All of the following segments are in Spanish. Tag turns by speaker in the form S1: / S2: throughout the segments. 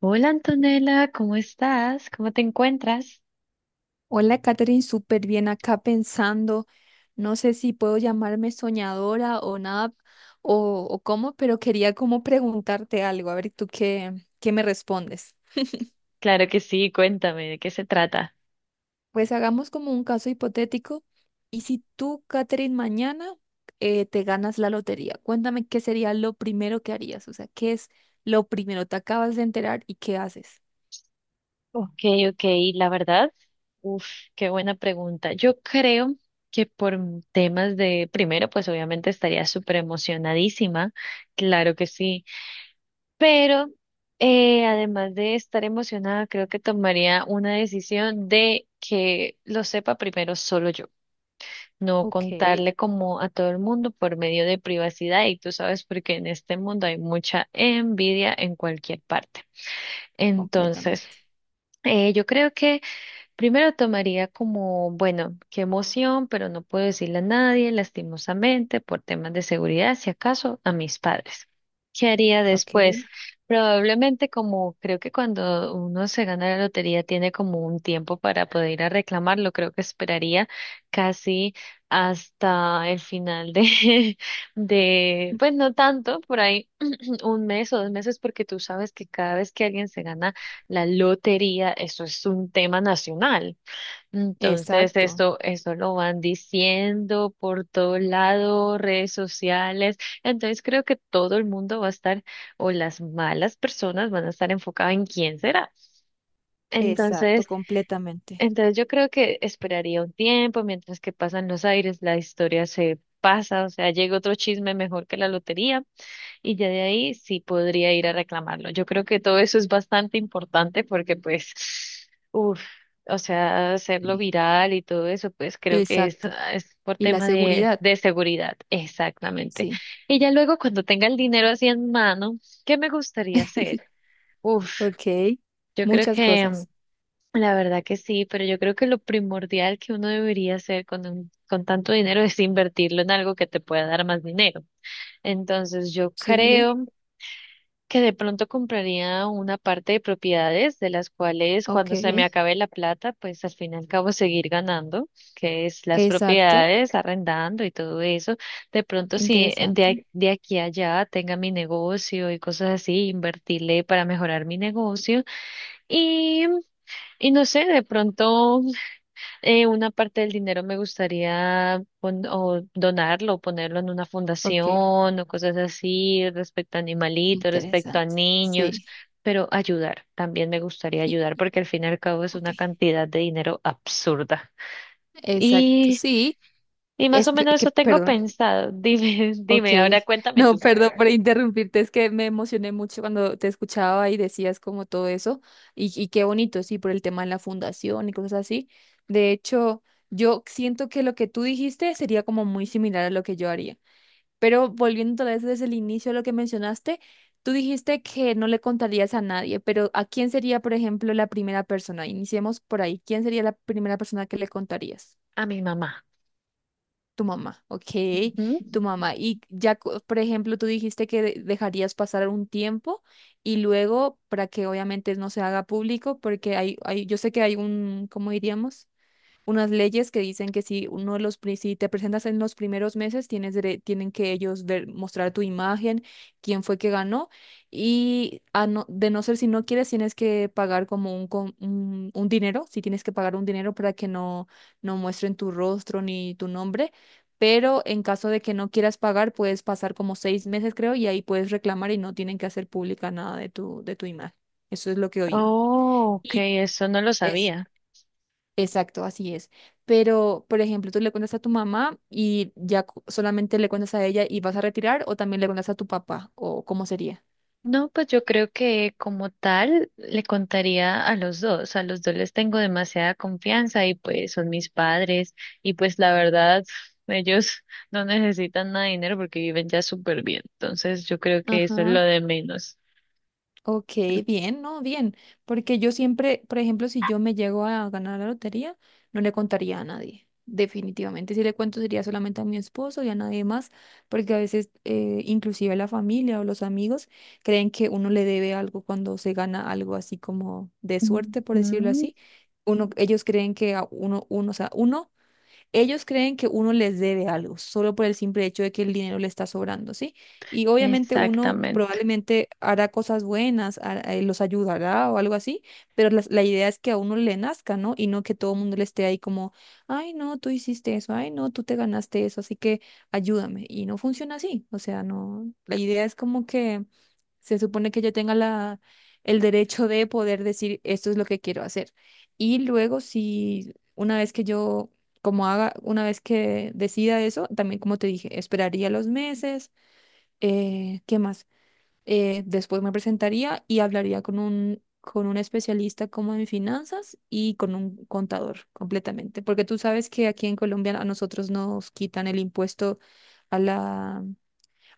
S1: Hola Antonella, ¿cómo estás? ¿Cómo te encuentras?
S2: Hola, Katherine, súper bien acá pensando. No sé si puedo llamarme soñadora o nada, o cómo, pero quería como preguntarte algo, a ver tú qué me respondes.
S1: Claro que sí, cuéntame, ¿de qué se trata?
S2: Pues hagamos como un caso hipotético. Y si tú, Katherine, mañana te ganas la lotería, cuéntame qué sería lo primero que harías, o sea, qué es lo primero, te acabas de enterar y qué haces.
S1: Ok, ok, la verdad, uf, qué buena pregunta. Yo creo que temas de, primero, pues obviamente estaría súper emocionadísima, claro que sí, pero además de estar emocionada, creo que tomaría una decisión de que lo sepa primero solo yo. No
S2: Ok,
S1: contarle como a todo el mundo por medio de privacidad y tú sabes porque en este mundo hay mucha envidia en cualquier parte. Entonces,
S2: completamente.
S1: yo creo que primero tomaría como, bueno, qué emoción, pero no puedo decirle a nadie, lastimosamente, por temas de seguridad, si acaso, a mis padres. ¿Qué haría después?
S2: Ok.
S1: Probablemente como creo que cuando uno se gana la lotería tiene como un tiempo para poder ir a reclamarlo, creo que esperaría casi hasta el final de, de, pues no tanto, por ahí un mes o 2 meses, porque tú sabes que cada vez que alguien se gana la lotería, eso es un tema nacional. Entonces,
S2: Exacto,
S1: eso lo van diciendo por todo lado, redes sociales. Entonces, creo que todo el mundo va a estar, o las malas personas van a estar enfocadas en quién será.
S2: exacto,
S1: Entonces,
S2: completamente.
S1: entonces, yo creo que esperaría un tiempo mientras que pasan los aires, la historia se pasa, o sea, llega otro chisme mejor que la lotería. Y ya de ahí sí podría ir a reclamarlo. Yo creo que todo eso es bastante importante porque pues, uff, o sea, hacerlo
S2: Sí.
S1: viral y todo eso, pues creo que
S2: Exacto.
S1: es por
S2: Y la
S1: tema
S2: seguridad,
S1: de seguridad. Exactamente.
S2: sí.
S1: Y ya luego cuando tenga el dinero así en mano, ¿qué me gustaría hacer? Uff,
S2: Ok,
S1: yo creo
S2: muchas
S1: que
S2: cosas.
S1: la verdad que sí, pero yo creo que lo primordial que uno debería hacer con tanto dinero es invertirlo en algo que te pueda dar más dinero. Entonces yo
S2: Sí,
S1: creo que de pronto compraría una parte de propiedades de las cuales
S2: ok.
S1: cuando se me acabe la plata, pues al fin y al cabo seguir ganando, que es las
S2: Exacto.
S1: propiedades, arrendando y todo eso. De pronto si
S2: Interesante.
S1: de aquí a allá tenga mi negocio y cosas así, invertirle para mejorar mi negocio y, y no sé, de pronto una parte del dinero me gustaría pon- o donarlo, o ponerlo en una
S2: Ok,
S1: fundación o cosas así respecto a animalitos, respecto a
S2: interesante.
S1: niños,
S2: Sí.
S1: pero ayudar, también me gustaría
S2: y-
S1: ayudar porque al fin y al cabo es una
S2: ok.
S1: cantidad de dinero absurda.
S2: Exacto,
S1: Y,
S2: sí.
S1: y más
S2: Es
S1: o menos
S2: que,
S1: eso tengo
S2: perdón.
S1: pensado. Dime,
S2: Ok.
S1: dime, ahora cuéntame
S2: No,
S1: tú.
S2: perdón por interrumpirte. Es que me emocioné mucho cuando te escuchaba y decías como todo eso. Y qué bonito, sí, por el tema de la fundación y cosas así. De hecho, yo siento que lo que tú dijiste sería como muy similar a lo que yo haría. Pero volviendo otra vez desde el inicio a lo que mencionaste, tú dijiste que no le contarías a nadie, pero ¿a quién sería, por ejemplo, la primera persona? Iniciemos por ahí. ¿Quién sería la primera persona que le contarías?
S1: A mi mamá.
S2: Tu mamá, ok,
S1: Ujú.
S2: tu mamá. Y ya, por ejemplo, tú dijiste que dejarías pasar un tiempo y luego para que obviamente no se haga público, porque hay, yo sé que hay un, ¿cómo diríamos? Unas leyes que dicen que si uno de los, si te presentas en los primeros meses, tienen que ellos ver, mostrar tu imagen, quién fue que ganó, y a no- de no ser si no quieres, tienes que pagar como un dinero, si tienes que pagar un dinero para que no, no muestren tu rostro ni tu nombre. Pero en caso de que no quieras pagar, puedes pasar como 6 meses, creo, y ahí puedes reclamar y no tienen que hacer pública nada de tu, de tu imagen. Eso es lo que he oído.
S1: Oh, ok,
S2: Y
S1: eso no lo
S2: es
S1: sabía.
S2: Exacto, así es. Pero, por ejemplo, tú le cuentas a tu mamá y ya solamente le cuentas a ella y vas a retirar, o también le cuentas a tu papá, o cómo sería.
S1: No, pues yo creo que como tal le contaría a los dos les tengo demasiada confianza y pues son mis padres y pues la verdad ellos no necesitan nada de dinero porque viven ya súper bien, entonces yo creo que eso es lo
S2: Ajá.
S1: de menos.
S2: Ok, bien, no, bien, porque yo siempre, por ejemplo, si yo me llego a ganar la lotería, no le contaría a nadie, definitivamente. Si le cuento sería solamente a mi esposo y a nadie más, porque a veces inclusive la familia o los amigos creen que uno le debe algo cuando se gana algo así como de suerte, por decirlo
S1: Ujú,
S2: así. Uno, ellos creen que a uno, o sea, uno, ellos creen que uno les debe algo solo por el simple hecho de que el dinero le está sobrando, ¿sí? Y obviamente uno
S1: exactamente.
S2: probablemente hará cosas buenas, los ayudará o algo así, pero la idea es que a uno le nazca, ¿no? Y no que todo el mundo le esté ahí como, ay, no, tú hiciste eso, ay, no, tú te ganaste eso, así que ayúdame. Y no funciona así, o sea, no, la idea es como que se supone que yo tenga la, el derecho de poder decir esto es lo que quiero hacer. Y luego, si una vez que yo, como haga, una vez que decida eso, también como te dije, esperaría los meses, ¿qué más? Después me presentaría y hablaría con un especialista como en finanzas y con un contador completamente. Porque tú sabes que aquí en Colombia a nosotros nos quitan el impuesto a la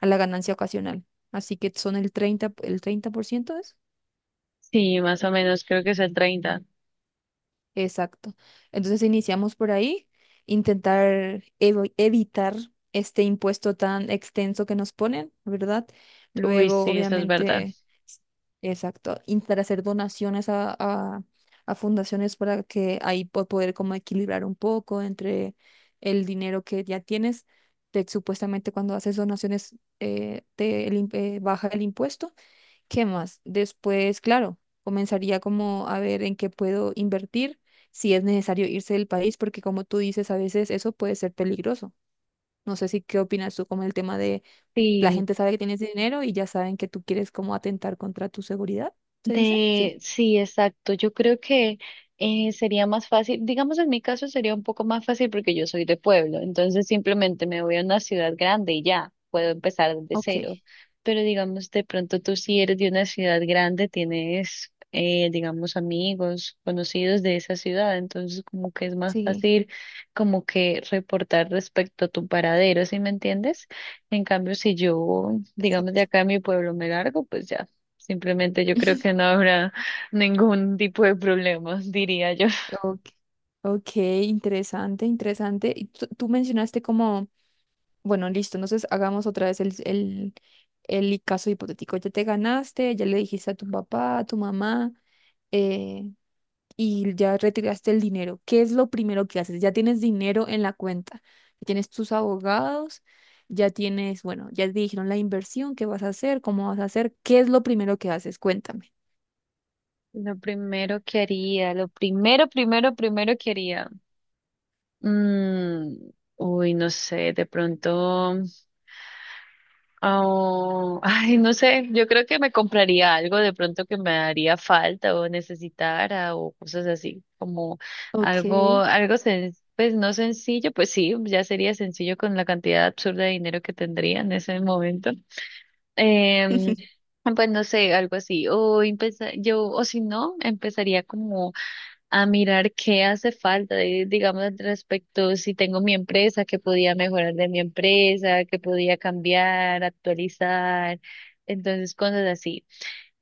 S2: a la ganancia ocasional. Así que son el treinta por ciento es.
S1: Sí, más o menos creo que es el 30.
S2: Exacto. Entonces iniciamos por ahí, intentar evitar este impuesto tan extenso que nos ponen, ¿verdad?
S1: Uy,
S2: Luego,
S1: sí, eso es verdad.
S2: obviamente, s- exacto, intentar hacer donaciones a fundaciones para que ahí poder como equilibrar un poco entre el dinero que ya tienes. Supuestamente cuando haces donaciones te, baja el impuesto. ¿Qué más? Después, claro, comenzaría como a ver en qué puedo invertir, si es necesario irse del país, porque como tú dices, a veces eso puede ser peligroso. No sé si qué opinas tú como el tema de la
S1: Sí.
S2: gente sabe que tienes dinero y ya saben que tú quieres como atentar contra tu seguridad, ¿se dice? Sí.
S1: Sí, exacto. Yo creo que sería más fácil, digamos en mi caso sería un poco más fácil porque yo soy de pueblo, entonces simplemente me voy a una ciudad grande y ya puedo empezar desde
S2: Ok,
S1: cero. Pero digamos, de pronto tú si eres de una ciudad grande, tienes, digamos, amigos, conocidos de esa ciudad, entonces como que es más
S2: sí,
S1: fácil como que reportar respecto a tu paradero, ¿sí me entiendes? En cambio, si yo, digamos, de
S2: exacto.
S1: acá a mi pueblo me largo, pues ya. Simplemente yo creo que no habrá ningún tipo de problemas, diría yo.
S2: Ok, ok, interesante, interesante. Y tú mencionaste como... Bueno, listo. Entonces hagamos otra vez el caso hipotético. Ya te ganaste, ya le dijiste a tu papá, a tu mamá, eh, y ya retiraste el dinero. ¿Qué es lo primero que haces? Ya tienes dinero en la cuenta, ya tienes tus abogados, ya tienes, bueno, ya te dijeron la inversión, qué vas a hacer, cómo vas a hacer. ¿Qué es lo primero que haces? Cuéntame.
S1: Lo primero que haría, lo primero, primero, primero que haría. mm, uy, no sé, de pronto. Oh, ay, no sé, yo creo que me compraría algo de pronto que me haría falta o necesitara o cosas así, como
S2: Ok.
S1: algo, pues no sencillo, pues sí, ya sería sencillo con la cantidad absurda de dinero que tendría en ese momento. Em, pues no sé, algo así. O o si no, empezaría como a mirar qué hace falta, digamos, al respecto, si tengo mi empresa, qué podía mejorar de mi empresa, qué podía cambiar, actualizar, entonces cosas así.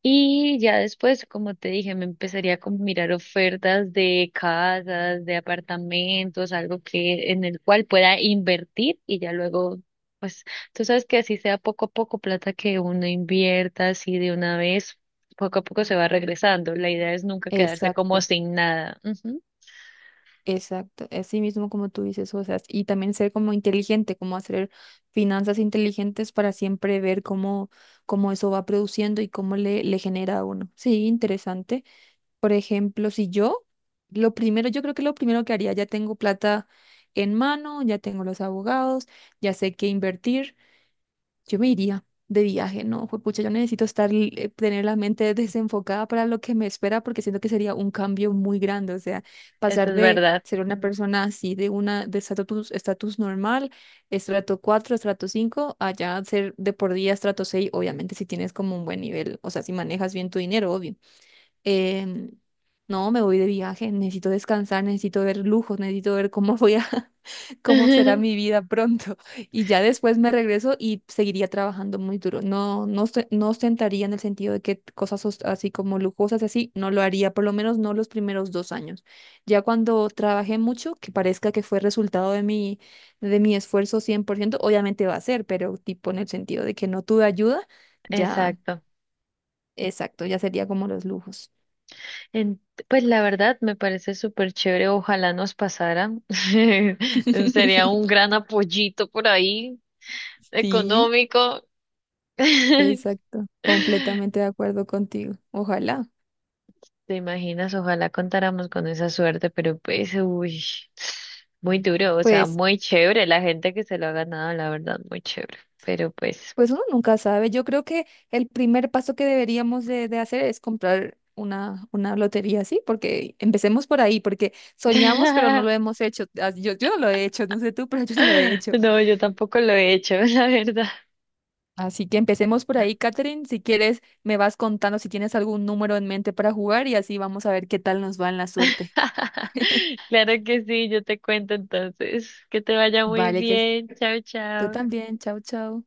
S1: Y ya después, como te dije, me empezaría como a mirar ofertas de casas, de apartamentos, algo que en el cual pueda invertir y ya luego, pues, tú sabes que así sea poco a poco plata que uno invierta así de una vez, poco a poco se va regresando. La idea es nunca quedarse como
S2: Exacto.
S1: sin nada. Ujú,
S2: Exacto, así mismo como tú dices, o sea, y también ser como inteligente, como hacer finanzas inteligentes para siempre ver cómo, cómo eso va produciendo y cómo le, le genera a uno. Sí, interesante. Por ejemplo, si yo, lo primero, yo creo que lo primero que haría, ya tengo plata en mano, ya tengo los abogados, ya sé qué invertir. Yo me iría de viaje, no, pucha, yo necesito estar, tener la mente desenfocada para lo que me espera, porque siento que sería un cambio muy grande, o sea,
S1: eso
S2: pasar
S1: es
S2: de
S1: verdad.
S2: ser una persona así, de una, de estatus, estatus normal, estrato 4, estrato 5, allá ser de por día estrato 6, obviamente si tienes como un buen nivel, o sea, si manejas bien tu dinero, obvio. em, no, me voy de viaje, necesito descansar, necesito ver lujos, necesito ver cómo voy a, cómo será mi vida pronto. Y ya después me regreso y seguiría trabajando muy duro. No, no, no ostentaría en el sentido de que cosas así como lujosas, así, no lo haría, por lo menos no los primeros 2 años. Ya cuando trabajé mucho, que parezca que fue resultado de mi esfuerzo, 100% obviamente va a ser, pero tipo en el sentido de que no tuve ayuda, ya,
S1: Exacto.
S2: exacto, ya sería como los lujos.
S1: En- pues la verdad me parece súper chévere, ojalá nos pasara. Sería un gran apoyito por ahí.
S2: Sí,
S1: Económico.
S2: exacto, completamente de acuerdo contigo. Ojalá.
S1: ¿Te imaginas? Ojalá contáramos con esa suerte, pero pues, uy, muy duro, o sea,
S2: Pues,
S1: muy chévere la gente que se lo ha ganado, la verdad, muy chévere, pero pues,
S2: pues uno nunca sabe. Yo creo que el primer paso que deberíamos de hacer es comprar una lotería, ¿sí? Porque empecemos por ahí, porque soñamos, pero no lo hemos hecho. Ah, Yo no lo he hecho, no sé tú, pero yo no lo he hecho.
S1: no, yo tampoco lo he hecho, la verdad.
S2: Así que empecemos por ahí, Catherine. Si quieres, me vas contando si tienes algún número en mente para jugar y así vamos a ver qué tal nos va en la suerte.
S1: Claro que sí, yo te cuento entonces, que te vaya muy
S2: Vale, que
S1: bien, chao,
S2: tú
S1: chao.
S2: también. Chao, chao.